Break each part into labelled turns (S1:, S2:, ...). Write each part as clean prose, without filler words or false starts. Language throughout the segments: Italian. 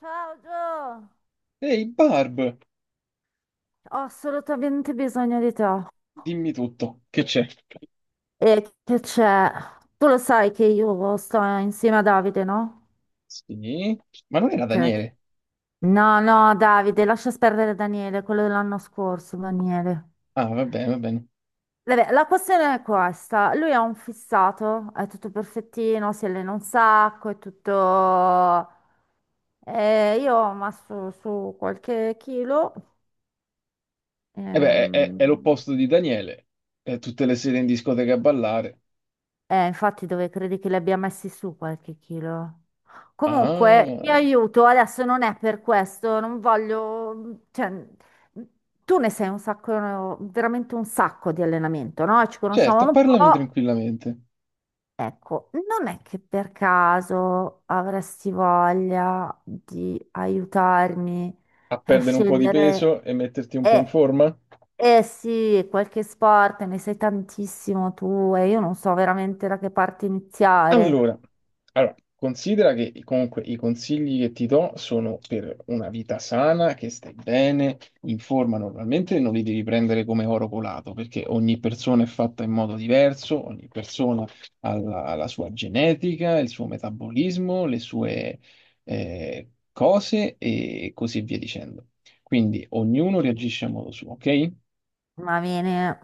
S1: Ciao Gio,
S2: Ehi, Barb,
S1: ho assolutamente bisogno di te.
S2: dimmi tutto, che c'è?
S1: E che c'è? Tu lo sai che io sto insieme a Davide, no?
S2: Sì, ma non era
S1: Ok.
S2: Daniele?
S1: No, no, Davide, lascia perdere Daniele, quello dell'anno scorso, Daniele.
S2: Ah, va bene, va bene.
S1: Vabbè, la questione è questa. Lui è un fissato, è tutto perfettino, si allena un sacco, è tutto... io ho messo su qualche chilo.
S2: E beh, è, è-
S1: ehm,
S2: è l'opposto di Daniele. È tutte le sere in discoteca a ballare.
S1: Infatti dove credi che li abbia messi su qualche chilo? Comunque, ti
S2: Ah,
S1: aiuto, adesso non è per questo, non voglio... Cioè, tu ne sei un sacco, veramente un sacco di allenamento, no? Ci conosciamo
S2: certo,
S1: un
S2: parlami
S1: po'.
S2: tranquillamente.
S1: Ecco, non è che per caso avresti voglia di aiutarmi
S2: A
S1: a
S2: perdere un po' di
S1: scegliere...
S2: peso e metterti un po' in
S1: Eh,
S2: forma?
S1: eh sì, qualche sport, ne sai tantissimo tu e io non so veramente da che parte iniziare.
S2: Allora, allora, considera che comunque i consigli che ti do sono per una vita sana, che stai bene, in forma normalmente, non li devi prendere come oro colato, perché ogni persona è fatta in modo diverso, ogni persona ha la sua genetica, il suo metabolismo, le sue cose e così via dicendo. Quindi ognuno reagisce a modo suo, ok?
S1: Ma viene,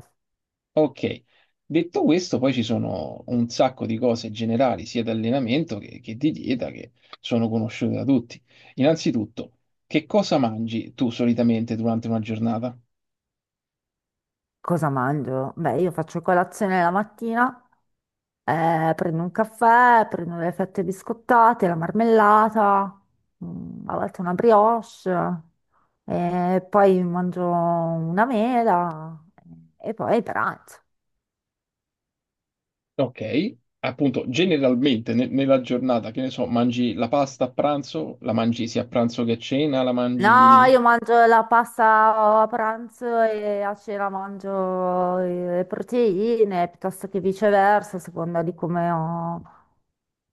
S2: Ok, detto questo, poi ci sono un sacco di cose generali, sia di allenamento che di dieta, che sono conosciute da tutti. Innanzitutto, che cosa mangi tu solitamente durante una giornata?
S1: cosa mangio? Beh, io faccio colazione la mattina, prendo un caffè, prendo le fette biscottate, la marmellata, a volte una brioche, e poi mangio una mela e poi pranzo.
S2: Ok, appunto, generalmente nella giornata, che ne so, mangi la pasta a pranzo, la mangi sia a pranzo che a cena, la
S1: No,
S2: mangi...
S1: io mangio la pasta a pranzo e a cena mangio le proteine, piuttosto che viceversa, a seconda di come ho,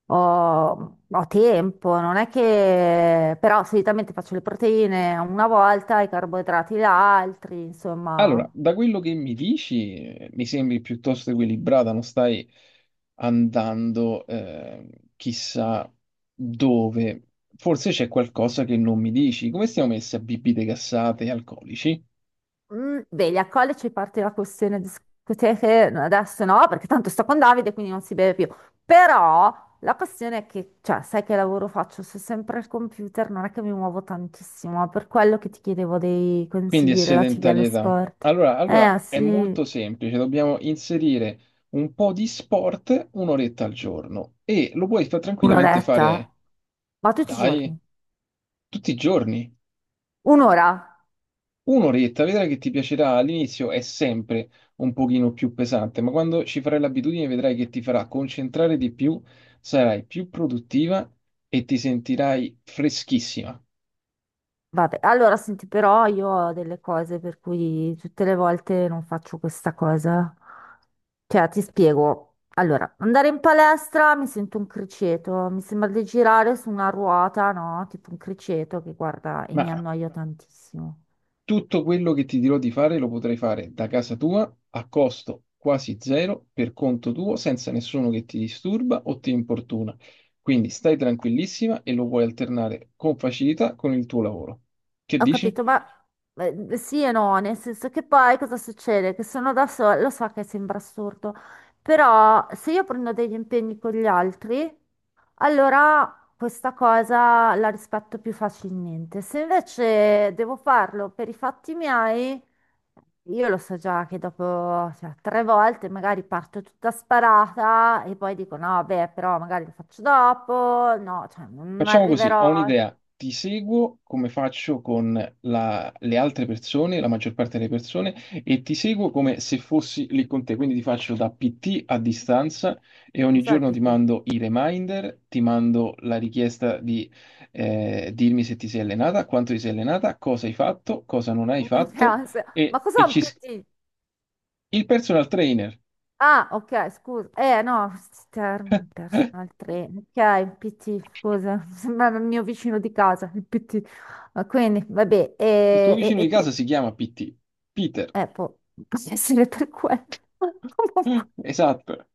S1: ho tempo. Non è che... Però solitamente faccio le proteine una volta, i carboidrati gli altri, insomma...
S2: Allora, da quello che mi dici, mi sembri piuttosto equilibrata, non stai andando chissà dove. Forse c'è qualcosa che non mi dici. Come stiamo messi a bibite gassate e alcolici?
S1: Mm, vedi, a college parte la questione discoteche, no, adesso no, perché tanto sto con Davide, quindi non si beve più. Però la questione è che, cioè, sai che lavoro faccio? Sto sempre al computer, non è che mi muovo tantissimo, per quello che ti chiedevo dei
S2: Quindi è
S1: consigli relativi allo
S2: sedentarietà.
S1: sport.
S2: Allora, è
S1: Sì,
S2: molto semplice, dobbiamo inserire un po' di sport un'oretta al giorno e lo puoi tranquillamente fare,
S1: un'oretta? Ma tutti i
S2: dai,
S1: giorni?
S2: tutti i giorni.
S1: Un'ora?
S2: Un'oretta, vedrai che ti piacerà. All'inizio è sempre un pochino più pesante, ma quando ci farai l'abitudine vedrai che ti farà concentrare di più, sarai più produttiva e ti sentirai freschissima.
S1: Vabbè, allora senti, però io ho delle cose per cui tutte le volte non faccio questa cosa. Cioè, ti spiego. Allora, andare in palestra mi sento un criceto, mi sembra di girare su una ruota, no? Tipo un criceto che guarda e mi
S2: Ma
S1: annoio tantissimo.
S2: tutto quello che ti dirò di fare lo potrai fare da casa tua a costo quasi zero, per conto tuo, senza nessuno che ti disturba o ti importuna. Quindi stai tranquillissima e lo puoi alternare con facilità con il tuo lavoro. Che
S1: Ho
S2: dici?
S1: capito, ma sì e no, nel senso che poi cosa succede? Che sono da sola, lo so che sembra assurdo, però se io prendo degli impegni con gli altri. Allora, questa cosa la rispetto più facilmente. Se invece devo farlo per i fatti miei, io lo so già che dopo, cioè, tre volte magari parto tutta sparata e poi dico no, beh, però magari lo faccio dopo, no, cioè non
S2: Facciamo così, ho
S1: arriverò.
S2: un'idea, ti seguo come faccio con le altre persone, la maggior parte delle persone, e ti seguo come se fossi lì con te, quindi ti faccio da PT a distanza e ogni
S1: Cos'è il
S2: giorno ti
S1: PT?
S2: mando i reminder, ti mando la richiesta di dirmi se ti sei allenata, quanto ti sei allenata, cosa hai fatto, cosa non hai
S1: Un mese di
S2: fatto,
S1: ansia. Ma
S2: e,
S1: cos'è
S2: e
S1: un
S2: ci... s-
S1: PT?
S2: il personal trainer,
S1: Ah, ok, scusa. No, Term, personal trainer. Ok, PT, scusa. Sembrava il mio vicino di casa, il PT. Ah, quindi, vabbè,
S2: il tuo
S1: e, e-
S2: vicino
S1: e
S2: di
S1: qui,
S2: casa si chiama PT, Peter.
S1: può, può essere per quello. Comunque.
S2: Esatto.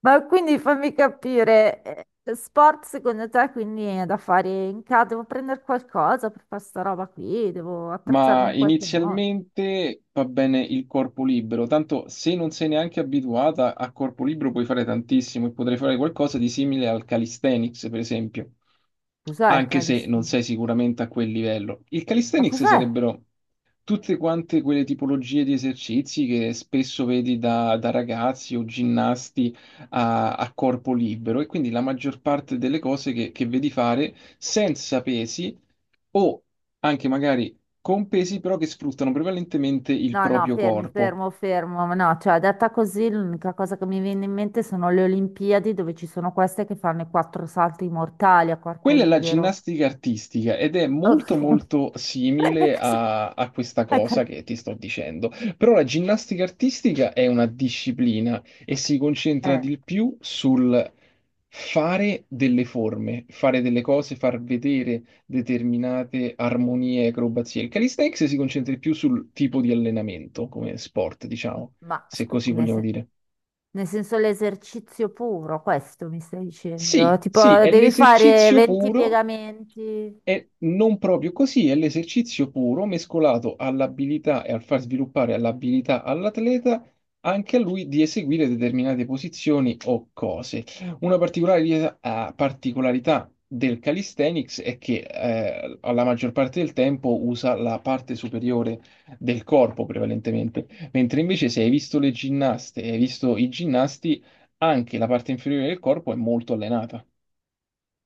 S1: Ma quindi fammi capire, sport secondo te quindi è da fare in casa? Devo prendere qualcosa per fare sta roba qui? Devo attrezzarmi
S2: Ma
S1: in qualche modo?
S2: inizialmente va bene il corpo libero, tanto se non sei neanche abituata a corpo libero puoi fare tantissimo e potrei fare qualcosa di simile al calisthenics, per esempio,
S1: Cos'è il
S2: anche se non
S1: calistenia?
S2: sei sicuramente a quel livello. Il
S1: Ma
S2: calisthenics
S1: cos'è?
S2: sarebbero tutte quante quelle tipologie di esercizi che spesso vedi da ragazzi o ginnasti a corpo libero e quindi la maggior parte delle cose che vedi fare senza pesi o anche magari con pesi però che sfruttano prevalentemente il
S1: No, no,
S2: proprio
S1: fermi,
S2: corpo.
S1: fermo, fermo. No, cioè, detta così, l'unica cosa che mi viene in mente sono le Olimpiadi dove ci sono queste che fanno i quattro salti mortali a corpo
S2: Quella è la
S1: libero.
S2: ginnastica artistica ed è molto
S1: Ok.
S2: molto
S1: E
S2: simile
S1: cosa-
S2: a questa
S1: ecco.
S2: cosa che ti sto dicendo, però la ginnastica artistica è una disciplina e si concentra
S1: Eh,
S2: di più sul fare delle forme, fare delle cose, far vedere determinate armonie e acrobazie. Il calisthenics si concentra di più sul tipo di allenamento come sport, diciamo,
S1: ma
S2: se
S1: scu-
S2: così
S1: nel,
S2: vogliamo
S1: sen-
S2: dire.
S1: nel senso l'esercizio puro, questo mi stai
S2: Sì,
S1: dicendo?
S2: sì,
S1: Tipo,
S2: è
S1: devi fare
S2: l'esercizio
S1: 20
S2: puro,
S1: piegamenti.
S2: e non proprio così, è l'esercizio puro mescolato all'abilità e al far sviluppare all'abilità all'atleta anche a lui di eseguire determinate posizioni o cose. Una particolare particolarità del calisthenics è che alla maggior parte del tempo usa la parte superiore del corpo prevalentemente, mentre invece se hai visto le ginnaste, e hai visto i ginnasti anche la parte inferiore del corpo è molto allenata.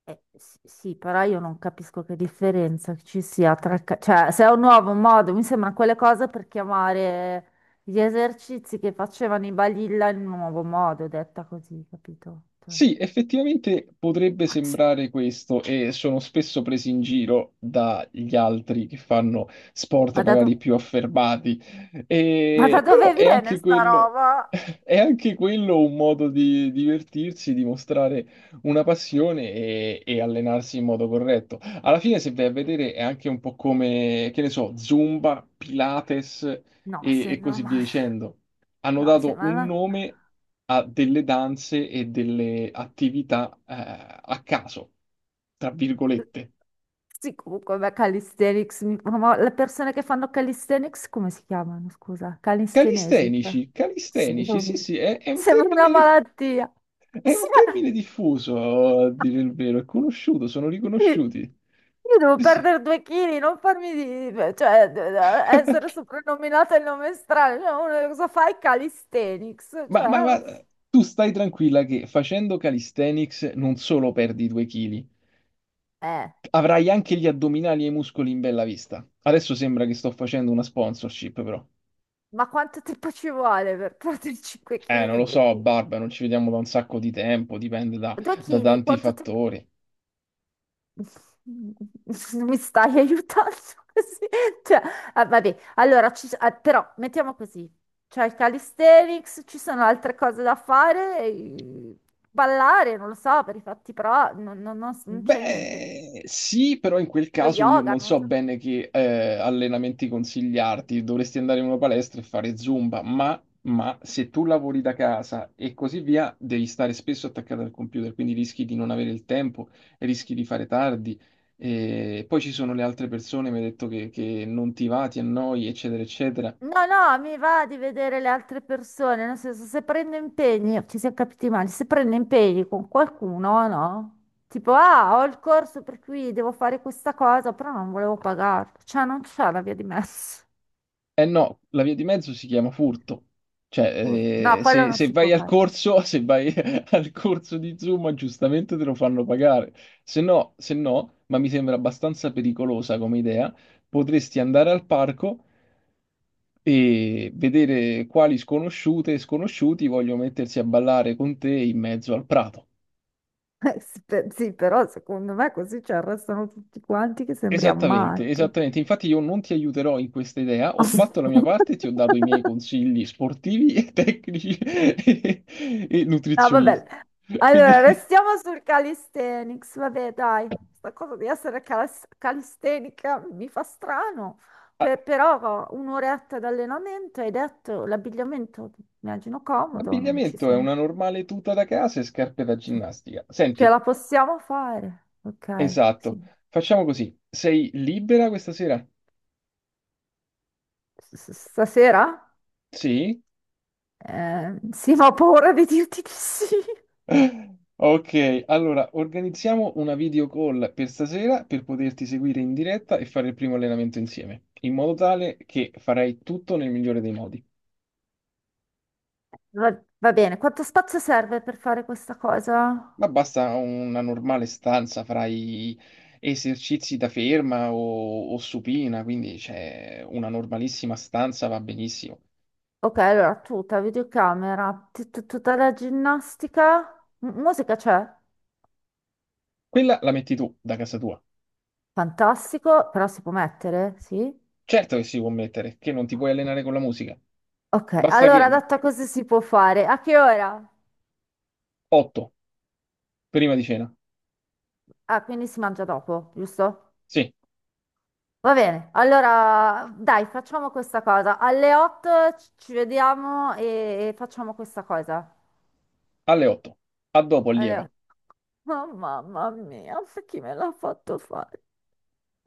S1: Sì, però io non capisco che differenza ci sia tra... cioè, se è un nuovo modo, mi sembra quelle cose per chiamare gli esercizi che facevano i balilla in un nuovo modo, detta così, capito? Cioè,
S2: Sì, effettivamente potrebbe sembrare questo e sono spesso presi in giro dagli altri che fanno sport
S1: Ma da,
S2: magari
S1: do-
S2: più affermati.
S1: ma da
S2: Però
S1: dove
S2: è
S1: viene
S2: anche
S1: sta
S2: quello,
S1: roba?
S2: è anche quello un modo di divertirsi, di mostrare una passione e allenarsi in modo corretto. Alla fine, se vai a vedere, è anche un po' come, che ne so, Zumba, Pilates
S1: No, se
S2: e
S1: no,
S2: così via
S1: ma...
S2: dicendo. Hanno
S1: No, se,
S2: dato
S1: ma
S2: un
S1: no.
S2: nome a delle danze e delle attività a caso, tra virgolette.
S1: Sì, comunque, beh, calisthenics, ma le persone che fanno calisthenics come si chiamano, scusa? Calistenesi. Cioè.
S2: Calistenici,
S1: Sì.
S2: calistenici, sì, sì, è un
S1: Sembra una
S2: termine,
S1: malattia.
S2: è
S1: Sì.
S2: un termine diffuso, a dire il vero, è conosciuto, sono
S1: Io
S2: riconosciuti.
S1: io devo
S2: Sì, sì.
S1: perdere due chili, non farmi di... cioè, essere soprannominata il nome strano. Cioè, uno, cosa fai? Calisthenics.
S2: Ma,
S1: Cioè,
S2: ma- ma tu stai tranquilla che facendo calisthenics non solo perdi due chili,
S1: eh,
S2: avrai anche gli addominali e i muscoli in bella vista. Adesso sembra che sto facendo una sponsorship, però.
S1: ma quanto tempo ci vuole per perdere 5
S2: Non
S1: kg?
S2: lo so, Barba, non ci vediamo da un sacco di tempo, dipende da,
S1: 2
S2: da
S1: kg?
S2: tanti
S1: Quanto tempo?
S2: fattori.
S1: Non mi stai aiutando così? Cioè, ah, vabbè, allora, ah, però mettiamo così, c'è il calisthenics, ci sono altre cose da fare, ballare, non lo so, per i fatti però non c'è niente.
S2: Beh, sì, però in quel
S1: Lo
S2: caso io
S1: yoga,
S2: non
S1: non
S2: so
S1: so.
S2: bene che allenamenti consigliarti. Dovresti andare in una palestra e fare Zumba, ma se tu lavori da casa e così via, devi stare spesso attaccato al computer, quindi rischi di non avere il tempo, rischi di fare tardi. E poi ci sono le altre persone, mi hai detto che non ti va, ti annoi, eccetera, eccetera.
S1: No, no, mi va di vedere le altre persone, nel senso, se prendo impegni, ci siamo capiti male, se prendo impegni con qualcuno, no? Tipo, ah, ho il corso per cui devo fare questa cosa, però non volevo pagarlo, cioè non c'è la via di mezzo.
S2: Eh no, la via di mezzo si chiama furto. Cioè,
S1: No, quello
S2: se,
S1: non
S2: se
S1: si può
S2: vai al
S1: fare.
S2: corso, se vai al corso di Zuma, giustamente te lo fanno pagare. Se no, se no, ma mi sembra abbastanza pericolosa come idea, potresti andare al parco e vedere quali sconosciute e sconosciuti vogliono mettersi a ballare con te in mezzo al prato.
S1: Sì, sì, però secondo me così ci arrestano tutti quanti che sembriamo
S2: Esattamente,
S1: matti.
S2: esattamente. Infatti io non ti aiuterò in questa idea, ho fatto la mia parte, ti ho dato i miei consigli sportivi e tecnici e
S1: No, vabbè.
S2: nutrizionisti.
S1: Allora,
S2: Quindi
S1: restiamo sul calisthenics. Vabbè, dai, sta cosa di essere calistenica mi fa strano.
S2: ah,
S1: Però un'oretta di allenamento, hai detto, l'abbigliamento, immagino comodo, non ci
S2: l'abbigliamento è
S1: siamo.
S2: una normale tuta da casa e scarpe da
S1: Cioè,
S2: ginnastica.
S1: ce
S2: Senti,
S1: la possiamo fare. Ok,
S2: esatto,
S1: sì.
S2: facciamo così. Sei libera questa sera?
S1: Stasera?
S2: Sì?
S1: Sì, ma ho paura di dirti di sì.
S2: Ok, allora organizziamo una video call per stasera per poterti seguire in diretta e fare il primo allenamento insieme, in modo tale che farai tutto nel migliore dei modi.
S1: Va, va bene, quanto spazio serve per fare questa cosa?
S2: Ma basta una normale stanza, farai esercizi da ferma o supina, quindi c'è una normalissima stanza, va benissimo.
S1: Ok, allora tuta, videocamera, tutta la ginnastica, musica c'è?
S2: Quella la metti tu da casa tua.
S1: Fantastico, però si può mettere, sì?
S2: Certo che si può mettere, che non ti puoi allenare con la musica.
S1: Ok,
S2: Basta
S1: allora
S2: che
S1: data così si può fare. A che ora?
S2: 8, prima di cena.
S1: Ah, quindi si mangia dopo, giusto?
S2: Sì,
S1: Va bene, allora dai, facciamo questa cosa. Alle 8 ci vediamo e facciamo questa cosa.
S2: alle 8. A dopo,
S1: Alle
S2: allieva.
S1: 8. Oh, mamma mia, chi me l'ha fatto fare?